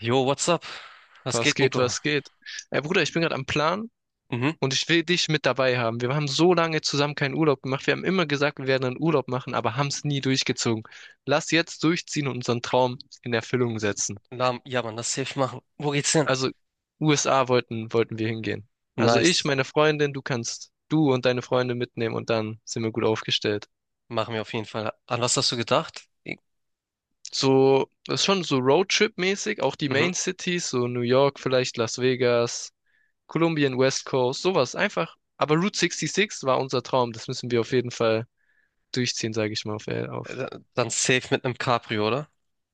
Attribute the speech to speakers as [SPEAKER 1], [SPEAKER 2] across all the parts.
[SPEAKER 1] Jo, what's up? Was
[SPEAKER 2] Was
[SPEAKER 1] geht,
[SPEAKER 2] geht,
[SPEAKER 1] Nico?
[SPEAKER 2] was geht? Ey Bruder, ich bin gerade am Plan
[SPEAKER 1] Mhm.
[SPEAKER 2] und ich will dich mit dabei haben. Wir haben so lange zusammen keinen Urlaub gemacht. Wir haben immer gesagt, wir werden einen Urlaub machen, aber haben es nie durchgezogen. Lass jetzt durchziehen und unseren Traum in Erfüllung setzen.
[SPEAKER 1] Na, ja, Mann, das safe machen. Wo geht's hin?
[SPEAKER 2] Also USA wollten wir hingehen. Also ich,
[SPEAKER 1] Nice.
[SPEAKER 2] meine Freundin, du kannst du und deine Freunde mitnehmen und dann sind wir gut aufgestellt.
[SPEAKER 1] Machen wir auf jeden Fall. An was hast du gedacht?
[SPEAKER 2] So, das ist schon so Roadtrip-mäßig, auch die
[SPEAKER 1] Mhm.
[SPEAKER 2] Main Cities, so New York vielleicht, Las Vegas. Kolumbien, West Coast, sowas. Einfach. Aber Route 66 war unser Traum. Das müssen wir auf jeden Fall durchziehen, sage ich mal auf, auf.
[SPEAKER 1] Äh, Dann safe mit einem Cabrio, oder?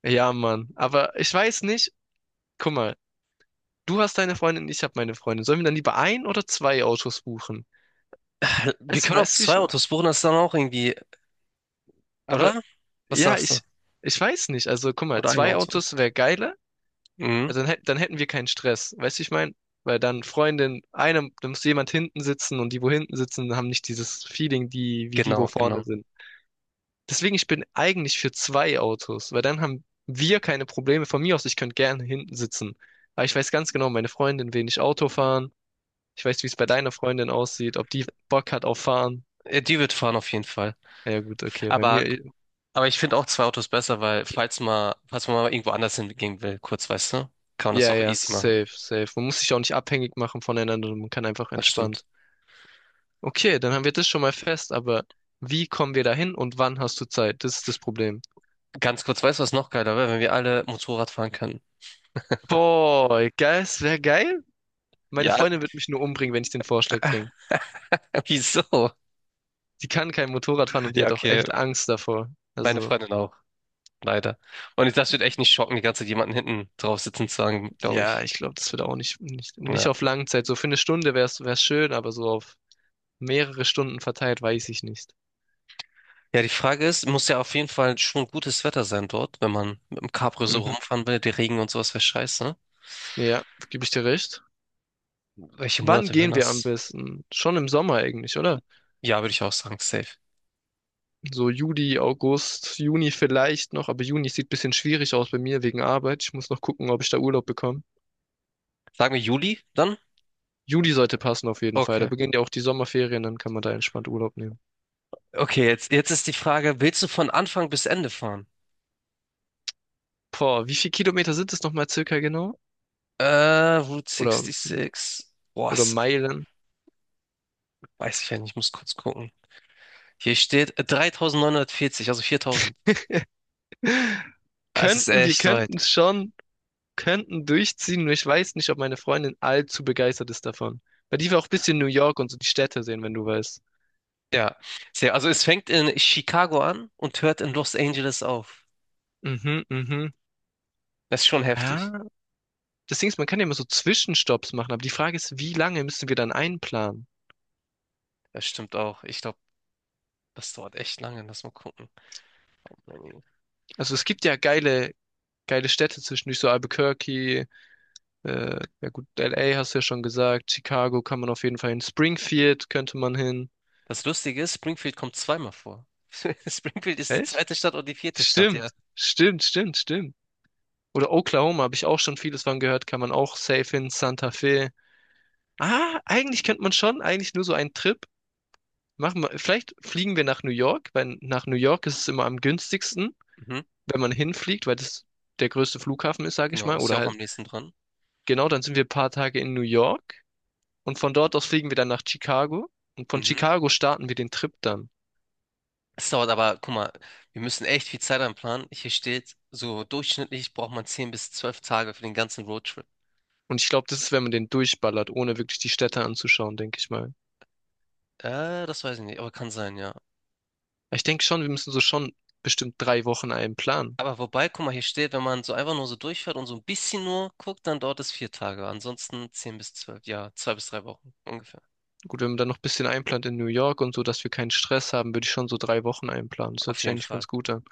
[SPEAKER 2] Ja, Mann. Aber ich weiß nicht. Guck mal, du hast deine Freundin, ich habe meine Freundin. Sollen wir dann lieber ein oder zwei Autos buchen?
[SPEAKER 1] Wir
[SPEAKER 2] Weißt,
[SPEAKER 1] können auch
[SPEAKER 2] weißt du, wie ich
[SPEAKER 1] zwei
[SPEAKER 2] meine?
[SPEAKER 1] Autos buchen, das ist dann auch irgendwie,
[SPEAKER 2] Aber
[SPEAKER 1] oder? Was
[SPEAKER 2] ja,
[SPEAKER 1] sagst du?
[SPEAKER 2] ich weiß nicht. Also, guck mal,
[SPEAKER 1] Oder ein
[SPEAKER 2] zwei
[SPEAKER 1] Auto?
[SPEAKER 2] Autos wäre geiler.
[SPEAKER 1] Mhm.
[SPEAKER 2] Also, dann hätten wir keinen Stress. Weißt du, wie ich meine? Weil dann Freundin, einer, da muss jemand hinten sitzen und die, wo hinten sitzen, haben nicht dieses Feeling, die, wie die, wo
[SPEAKER 1] Genau,
[SPEAKER 2] vorne
[SPEAKER 1] genau.
[SPEAKER 2] sind. Deswegen, ich bin eigentlich für zwei Autos, weil dann haben wir keine Probleme. Von mir aus, ich könnte gerne hinten sitzen. Aber ich weiß ganz genau, meine Freundin will nicht Auto fahren. Ich weiß, wie es bei deiner Freundin aussieht, ob die Bock hat auf Fahren.
[SPEAKER 1] Die wird fahren auf jeden Fall.
[SPEAKER 2] Ja gut, okay, bei
[SPEAKER 1] Aber,
[SPEAKER 2] mir,
[SPEAKER 1] aber ich finde auch zwei Autos besser, weil falls mal, falls man mal irgendwo anders hingehen will, kurz, weißt du, kann man das
[SPEAKER 2] ja,
[SPEAKER 1] auch
[SPEAKER 2] ja,
[SPEAKER 1] easy machen.
[SPEAKER 2] safe, safe. Man muss sich auch nicht abhängig machen voneinander, man kann einfach
[SPEAKER 1] Das
[SPEAKER 2] entspannt.
[SPEAKER 1] stimmt.
[SPEAKER 2] Okay, dann haben wir das schon mal fest, aber wie kommen wir dahin und wann hast du Zeit? Das ist das Problem.
[SPEAKER 1] Ganz kurz, weißt du, was noch geiler wäre, wenn wir alle Motorrad fahren könnten?
[SPEAKER 2] Boah, geil, es wäre geil. Meine
[SPEAKER 1] Ja,
[SPEAKER 2] Freundin wird mich nur umbringen, wenn ich den Vorschlag bringe.
[SPEAKER 1] wieso?
[SPEAKER 2] Die kann kein Motorrad fahren und die
[SPEAKER 1] Ja,
[SPEAKER 2] hat auch
[SPEAKER 1] okay,
[SPEAKER 2] echt Angst davor.
[SPEAKER 1] meine
[SPEAKER 2] Also,
[SPEAKER 1] Freundin auch, leider. Und das wird echt nicht schocken, die ganze Zeit jemanden hinten drauf sitzen zu haben, glaube
[SPEAKER 2] ja,
[SPEAKER 1] ich.
[SPEAKER 2] ich glaube, das wird auch nicht
[SPEAKER 1] Ja.
[SPEAKER 2] auf Langzeit. So für eine Stunde wäre es schön, aber so auf mehrere Stunden verteilt, weiß ich nicht.
[SPEAKER 1] Ja, die Frage ist, muss ja auf jeden Fall schon gutes Wetter sein dort, wenn man mit dem Cabrio so
[SPEAKER 2] Mhm.
[SPEAKER 1] rumfahren will, der Regen und sowas wäre scheiße, ne?
[SPEAKER 2] Ja, gebe ich dir recht.
[SPEAKER 1] Welche
[SPEAKER 2] Wann
[SPEAKER 1] Monate wären
[SPEAKER 2] gehen wir am
[SPEAKER 1] das?
[SPEAKER 2] besten? Schon im Sommer eigentlich, oder?
[SPEAKER 1] Ja, würde ich auch sagen, safe.
[SPEAKER 2] So Juli, August, Juni vielleicht noch, aber Juni sieht ein bisschen schwierig aus bei mir wegen Arbeit. Ich muss noch gucken, ob ich da Urlaub bekomme.
[SPEAKER 1] Sagen wir Juli dann?
[SPEAKER 2] Juli sollte passen auf jeden Fall. Da
[SPEAKER 1] Okay.
[SPEAKER 2] beginnen ja auch die Sommerferien, dann kann man da entspannt Urlaub nehmen.
[SPEAKER 1] Okay, jetzt ist die Frage, willst du von Anfang bis Ende fahren?
[SPEAKER 2] Boah, wie viele Kilometer sind es nochmal circa genau?
[SPEAKER 1] Äh, Route
[SPEAKER 2] Oder
[SPEAKER 1] 66. Boah,
[SPEAKER 2] oder
[SPEAKER 1] das
[SPEAKER 2] Meilen.
[SPEAKER 1] weiß ich ja nicht, ich muss kurz gucken. Hier steht 3940, also 4000. Es ist
[SPEAKER 2] Wir
[SPEAKER 1] echt weit.
[SPEAKER 2] könnten es schon, könnten durchziehen, nur ich weiß nicht, ob meine Freundin allzu begeistert ist davon. Weil die will auch ein bisschen New York und so die Städte sehen, wenn du weißt.
[SPEAKER 1] Ja, sehr. Also es fängt in Chicago an und hört in Los Angeles auf.
[SPEAKER 2] Mhm, mhm.
[SPEAKER 1] Das ist schon heftig.
[SPEAKER 2] Ja, das Ding ist, man kann ja immer so Zwischenstopps machen, aber die Frage ist, wie lange müssen wir dann einplanen?
[SPEAKER 1] Das stimmt auch. Ich glaube, das dauert echt lange. Lass mal gucken.
[SPEAKER 2] Also es gibt ja geile Städte zwischendurch, so Albuquerque, ja gut, LA hast du ja schon gesagt, Chicago kann man auf jeden Fall hin, Springfield könnte man hin.
[SPEAKER 1] Das Lustige ist, Springfield kommt zweimal vor. Springfield ist die
[SPEAKER 2] Echt?
[SPEAKER 1] zweite Stadt und die vierte Stadt,
[SPEAKER 2] Stimmt,
[SPEAKER 1] ja.
[SPEAKER 2] stimmt, stimmt, stimmt. Oder Oklahoma habe ich auch schon vieles von gehört, kann man auch safe hin, Santa Fe. Ah, eigentlich könnte man schon, eigentlich nur so einen Trip machen. Vielleicht fliegen wir nach New York, weil nach New York ist es immer am günstigsten,
[SPEAKER 1] Mhm.
[SPEAKER 2] wenn man hinfliegt, weil das der größte Flughafen ist, sage ich
[SPEAKER 1] Genau,
[SPEAKER 2] mal.
[SPEAKER 1] ist
[SPEAKER 2] Oder
[SPEAKER 1] ja auch am
[SPEAKER 2] halt,
[SPEAKER 1] nächsten dran.
[SPEAKER 2] genau, dann sind wir ein paar Tage in New York und von dort aus fliegen wir dann nach Chicago und von
[SPEAKER 1] Mhm.
[SPEAKER 2] Chicago starten wir den Trip dann.
[SPEAKER 1] Es dauert aber, guck mal, wir müssen echt viel Zeit einplanen. Hier steht, so durchschnittlich braucht man 10 bis 12 Tage für den ganzen Roadtrip.
[SPEAKER 2] Und ich glaube, das ist, wenn man den durchballert, ohne wirklich die Städte anzuschauen, denke ich mal.
[SPEAKER 1] Das weiß ich nicht, aber kann sein, ja.
[SPEAKER 2] Ich denke schon, wir müssen so schon bestimmt 3 Wochen einen planen.
[SPEAKER 1] Aber wobei, guck mal, hier steht, wenn man so einfach nur so durchfährt und so ein bisschen nur guckt, dann dauert es 4 Tage. Ansonsten 10 bis 12, ja, 2 bis 3 Wochen ungefähr.
[SPEAKER 2] Gut, wenn man dann noch ein bisschen einplant in New York und so, dass wir keinen Stress haben, würde ich schon so 3 Wochen einplanen. Das hört
[SPEAKER 1] Auf
[SPEAKER 2] sich
[SPEAKER 1] jeden
[SPEAKER 2] eigentlich ganz
[SPEAKER 1] Fall.
[SPEAKER 2] gut an.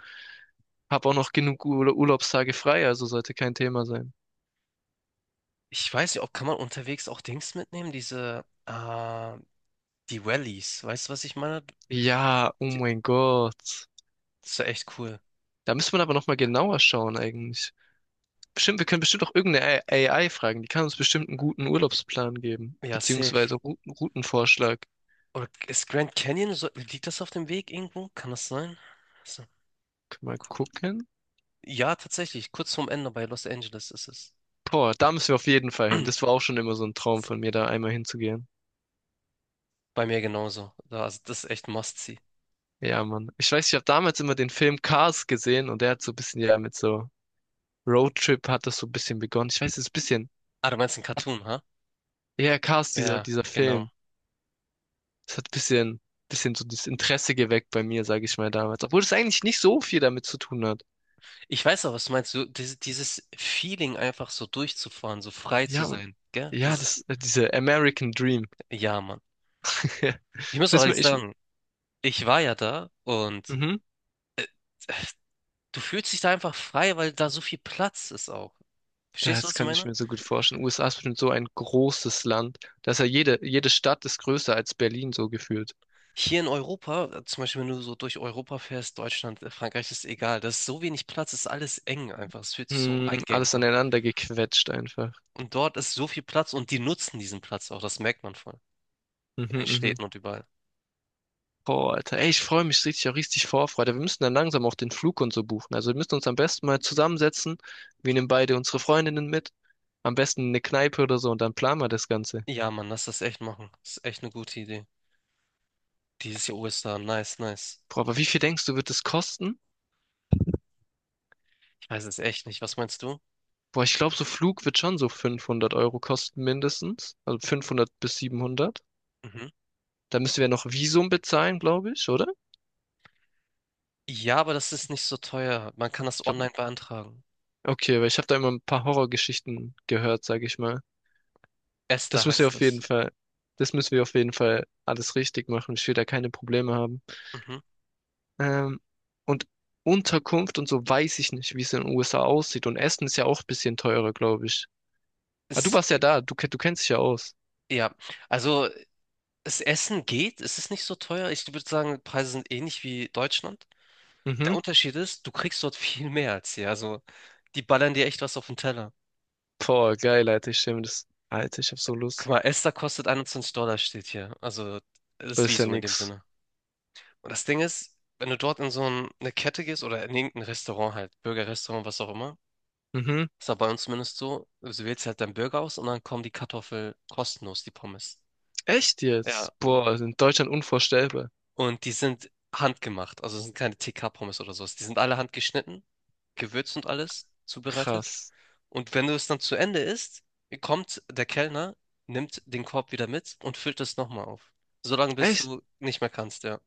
[SPEAKER 2] Hab auch noch genug Ur Urlaubstage frei, also sollte kein Thema sein.
[SPEAKER 1] Ich weiß nicht, ob kann man unterwegs auch Dings mitnehmen, diese, die Wellies. Weißt du, was ich meine?
[SPEAKER 2] Ja, oh
[SPEAKER 1] Die,
[SPEAKER 2] mein Gott.
[SPEAKER 1] das ist ja echt cool.
[SPEAKER 2] Da müsste man aber nochmal genauer schauen eigentlich. Bestimmt, wir können bestimmt auch irgendeine AI fragen. Die kann uns bestimmt einen guten Urlaubsplan geben.
[SPEAKER 1] Ja, safe.
[SPEAKER 2] Beziehungsweise Routenvorschlag.
[SPEAKER 1] Oder ist Grand Canyon, so, liegt das auf dem Weg irgendwo? Kann das sein? So,
[SPEAKER 2] Können wir
[SPEAKER 1] mal
[SPEAKER 2] mal
[SPEAKER 1] gucken.
[SPEAKER 2] gucken?
[SPEAKER 1] Ja, tatsächlich, kurz vorm Ende bei Los Angeles ist es.
[SPEAKER 2] Boah, da müssen wir auf jeden Fall hin. Das war auch schon immer so ein Traum von mir, da einmal hinzugehen.
[SPEAKER 1] Bei mir genauso. Also, das ist echt Must-See.
[SPEAKER 2] Ja, Mann. Ich weiß, ich habe damals immer den Film Cars gesehen und der hat so ein bisschen ja mit so Roadtrip hat das so ein bisschen begonnen. Ich weiß, es ist ein bisschen,
[SPEAKER 1] Ah, du meinst ein Cartoon, ha?
[SPEAKER 2] ja, Cars, dieser,
[SPEAKER 1] Ja,
[SPEAKER 2] dieser
[SPEAKER 1] genau.
[SPEAKER 2] Film. Es hat ein bisschen so das Interesse geweckt bei mir, sage ich mal damals. Obwohl es eigentlich nicht so viel damit zu tun hat.
[SPEAKER 1] Ich weiß auch, was du meinst. So, dieses Feeling, einfach so durchzufahren, so frei zu
[SPEAKER 2] Ja, und,
[SPEAKER 1] sein, gell?
[SPEAKER 2] ja,
[SPEAKER 1] Das ist,
[SPEAKER 2] diese American Dream.
[SPEAKER 1] ja, Mann. Ich muss
[SPEAKER 2] Ich
[SPEAKER 1] auch
[SPEAKER 2] weiß mir,
[SPEAKER 1] ehrlich
[SPEAKER 2] ich,
[SPEAKER 1] sagen, ich war ja da und
[SPEAKER 2] mhm,
[SPEAKER 1] äh, du fühlst dich da einfach frei, weil da so viel Platz ist auch. Verstehst du,
[SPEAKER 2] das
[SPEAKER 1] was ich
[SPEAKER 2] kann ich
[SPEAKER 1] meine?
[SPEAKER 2] mir so gut vorstellen. USA ist bestimmt so ein großes Land. Da ist ja jede Stadt ist größer als Berlin so gefühlt.
[SPEAKER 1] Hier in Europa, zum Beispiel, wenn du so durch Europa fährst, Deutschland, Frankreich, ist egal. Da ist so wenig Platz, ist alles eng einfach. Es fühlt sich so
[SPEAKER 2] Hm, alles
[SPEAKER 1] eingeengt an.
[SPEAKER 2] aneinander gequetscht einfach.
[SPEAKER 1] Und dort ist so viel Platz und die nutzen diesen Platz auch. Das merkt man voll. In
[SPEAKER 2] Mhm,
[SPEAKER 1] den
[SPEAKER 2] mhm.
[SPEAKER 1] Städten und überall.
[SPEAKER 2] Boah, Alter, ey, ich freue mich richtig, auch richtig Vorfreude. Wir müssen dann langsam auch den Flug und so buchen. Also wir müssen uns am besten mal zusammensetzen. Wir nehmen beide unsere Freundinnen mit. Am besten eine Kneipe oder so und dann planen wir das Ganze.
[SPEAKER 1] Ja, Mann, lass das echt machen. Das ist echt eine gute Idee. Dieses Jahr Ostern, nice, nice.
[SPEAKER 2] Boah, aber wie viel denkst du, wird das kosten?
[SPEAKER 1] Ich weiß es echt nicht. Was meinst du?
[SPEAKER 2] Boah, ich glaube, so Flug wird schon so 500 € kosten mindestens. Also 500 bis 700.
[SPEAKER 1] Mhm.
[SPEAKER 2] Da müssen wir noch Visum bezahlen, glaube ich, oder?
[SPEAKER 1] Ja, aber das ist nicht so teuer. Man kann
[SPEAKER 2] Ich
[SPEAKER 1] das
[SPEAKER 2] glaube,
[SPEAKER 1] online beantragen.
[SPEAKER 2] okay, weil ich habe da immer ein paar Horrorgeschichten gehört, sage ich mal.
[SPEAKER 1] Esther
[SPEAKER 2] Das müssen wir
[SPEAKER 1] heißt
[SPEAKER 2] auf jeden
[SPEAKER 1] das.
[SPEAKER 2] Fall, das müssen wir auf jeden Fall alles richtig machen. Ich will da keine Probleme haben.
[SPEAKER 1] Mhm.
[SPEAKER 2] Ähm, und Unterkunft und so weiß ich nicht, wie es in den USA aussieht. Und Essen ist ja auch ein bisschen teurer, glaube ich. Ah, du
[SPEAKER 1] Es,
[SPEAKER 2] warst ja da, du kennst dich ja aus.
[SPEAKER 1] ja, also das Essen geht, es ist nicht so teuer. Ich würde sagen, Preise sind ähnlich wie Deutschland. Der
[SPEAKER 2] Mhm.
[SPEAKER 1] Unterschied ist, du kriegst dort viel mehr als hier. Also die ballern dir echt was auf den Teller.
[SPEAKER 2] Boah, geil, Alter, ich stell mir das. Alter, ich hab so
[SPEAKER 1] Guck
[SPEAKER 2] Lust.
[SPEAKER 1] mal, Esther kostet $21, steht hier. Also das
[SPEAKER 2] Das ist ja
[SPEAKER 1] Visum in dem
[SPEAKER 2] nix.
[SPEAKER 1] Sinne. Und das Ding ist, wenn du dort in so ein, eine Kette gehst oder in irgendein Restaurant halt, Burgerrestaurant, was auch immer,
[SPEAKER 2] Mhm.
[SPEAKER 1] ist aber bei uns zumindest so, also du wählst halt deinen Burger aus und dann kommen die Kartoffeln kostenlos, die Pommes.
[SPEAKER 2] Echt
[SPEAKER 1] Ja,
[SPEAKER 2] jetzt?
[SPEAKER 1] und,
[SPEAKER 2] Boah, also in Deutschland unvorstellbar.
[SPEAKER 1] und die sind handgemacht, also es sind keine TK-Pommes oder sowas. Die sind alle handgeschnitten, gewürzt und alles, zubereitet.
[SPEAKER 2] Krass.
[SPEAKER 1] Und wenn du es dann zu Ende isst, kommt der Kellner, nimmt den Korb wieder mit und füllt es nochmal auf. Solange bis
[SPEAKER 2] Echt?
[SPEAKER 1] du nicht mehr kannst, ja.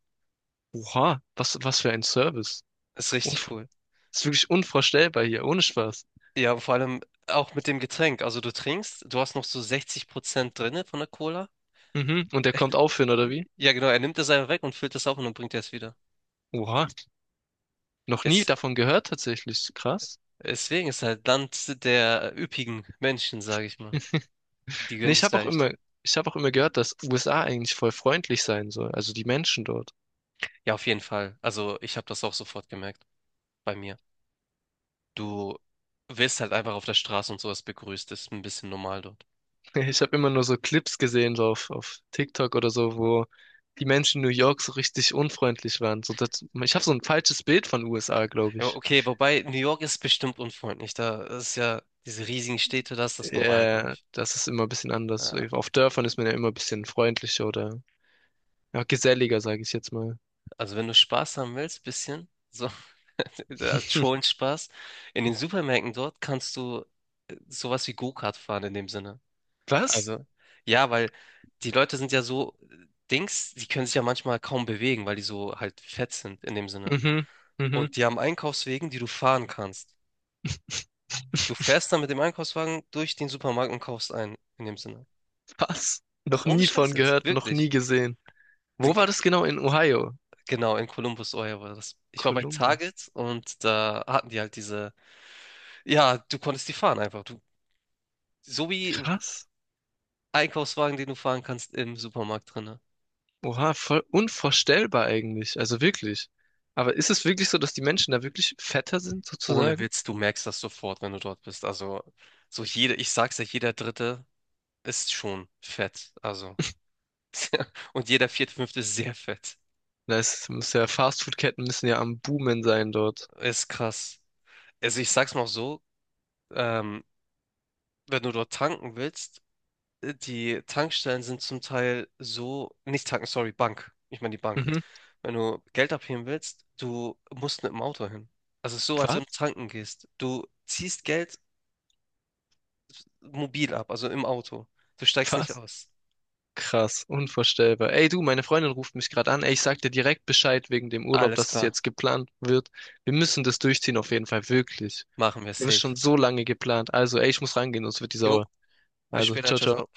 [SPEAKER 2] Oha, was für ein Service.
[SPEAKER 1] Ist richtig
[SPEAKER 2] Unvor
[SPEAKER 1] cool.
[SPEAKER 2] Ist wirklich unvorstellbar hier, ohne Spaß.
[SPEAKER 1] Ja, vor allem auch mit dem Getränk. Also du trinkst, du hast noch so 60% drinne von der Cola.
[SPEAKER 2] Mhm. Und der kommt aufhören, oder wie?
[SPEAKER 1] Ja, genau, er nimmt das einfach weg und füllt das auf und dann bringt er es wieder.
[SPEAKER 2] Oha, noch nie
[SPEAKER 1] Es,
[SPEAKER 2] davon gehört tatsächlich. Krass.
[SPEAKER 1] deswegen ist halt Land der üppigen Menschen, sage ich mal. Die
[SPEAKER 2] Nee,
[SPEAKER 1] gönnen
[SPEAKER 2] ich
[SPEAKER 1] sich
[SPEAKER 2] habe auch
[SPEAKER 1] leicht.
[SPEAKER 2] immer, ich habe auch immer gehört, dass USA eigentlich voll freundlich sein soll, also die Menschen dort.
[SPEAKER 1] Ja, auf jeden Fall. Also ich habe das auch sofort gemerkt bei mir. Du wirst halt einfach auf der Straße und sowas begrüßt. Das ist ein bisschen normal dort.
[SPEAKER 2] Ich habe immer nur so Clips gesehen, so auf TikTok oder so, wo die Menschen in New York so richtig unfreundlich waren. Ich habe so ein falsches Bild von USA, glaube
[SPEAKER 1] Ja,
[SPEAKER 2] ich.
[SPEAKER 1] okay, wobei New York ist bestimmt unfreundlich. Da ist ja diese riesigen Städte, da ist das normal, glaube ich.
[SPEAKER 2] Das ist immer ein bisschen anders.
[SPEAKER 1] Ja,
[SPEAKER 2] Auf Dörfern ist man ja immer ein bisschen freundlicher oder ja, geselliger, sage ich jetzt mal.
[SPEAKER 1] also wenn du Spaß haben willst, bisschen, so als schon Spaß, in den Supermärkten dort kannst du sowas wie Go-Kart fahren in dem Sinne.
[SPEAKER 2] Was?
[SPEAKER 1] Also ja, weil die Leute sind ja so Dings, die können sich ja manchmal kaum bewegen, weil die so halt fett sind in dem Sinne.
[SPEAKER 2] Mhm, mhm.
[SPEAKER 1] Und die haben Einkaufswegen, die du fahren kannst. Du fährst dann mit dem Einkaufswagen durch den Supermarkt und kaufst ein, in dem Sinne.
[SPEAKER 2] Was? Noch
[SPEAKER 1] Ohne
[SPEAKER 2] nie von
[SPEAKER 1] Scheiß jetzt,
[SPEAKER 2] gehört, noch nie
[SPEAKER 1] wirklich.
[SPEAKER 2] gesehen. Wo
[SPEAKER 1] Sind-
[SPEAKER 2] war das genau? In Ohio?
[SPEAKER 1] Genau, in Columbus, oh ja, war das. Ich war bei
[SPEAKER 2] Columbus.
[SPEAKER 1] Target und da hatten die halt diese. Ja, du konntest die fahren einfach. Du, so wie
[SPEAKER 2] Krass.
[SPEAKER 1] Einkaufswagen, den du fahren kannst im Supermarkt drinne.
[SPEAKER 2] Oha, voll unvorstellbar eigentlich. Also wirklich. Aber ist es wirklich so, dass die Menschen da wirklich fetter sind,
[SPEAKER 1] Ohne
[SPEAKER 2] sozusagen?
[SPEAKER 1] Witz, du merkst das sofort, wenn du dort bist. Also, so jeder, ich sag's ja, jeder Dritte ist schon fett. Also, und jeder Vierte, Fünfte ist sehr fett.
[SPEAKER 2] Da ist, muss ja, Fastfood-Ketten müssen ja am Boomen sein dort.
[SPEAKER 1] Ist krass. Also, ich sag's mal so, ähm, wenn du dort tanken willst, die Tankstellen sind zum Teil so, nicht Tanken, sorry, Bank. Ich meine die Bank.
[SPEAKER 2] Mhm.
[SPEAKER 1] Wenn du Geld abheben willst, du musst mit dem Auto hin. Also es ist so, als
[SPEAKER 2] Was?
[SPEAKER 1] wenn du tanken gehst. Du ziehst Geld mobil ab, also im Auto. Du steigst nicht
[SPEAKER 2] Was?
[SPEAKER 1] aus.
[SPEAKER 2] Krass, unvorstellbar. Ey du, meine Freundin ruft mich gerade an. Ey, ich sag dir direkt Bescheid wegen dem Urlaub,
[SPEAKER 1] Alles
[SPEAKER 2] dass es
[SPEAKER 1] klar,
[SPEAKER 2] jetzt geplant wird. Wir müssen das durchziehen auf jeden Fall, wirklich.
[SPEAKER 1] machen wir
[SPEAKER 2] Wir haben es
[SPEAKER 1] safe.
[SPEAKER 2] schon so lange geplant. Also, ey, ich muss rangehen, sonst wird die
[SPEAKER 1] Jo,
[SPEAKER 2] sauer.
[SPEAKER 1] bis
[SPEAKER 2] Also,
[SPEAKER 1] später,
[SPEAKER 2] ciao,
[SPEAKER 1] ciao,
[SPEAKER 2] ciao.
[SPEAKER 1] ciao.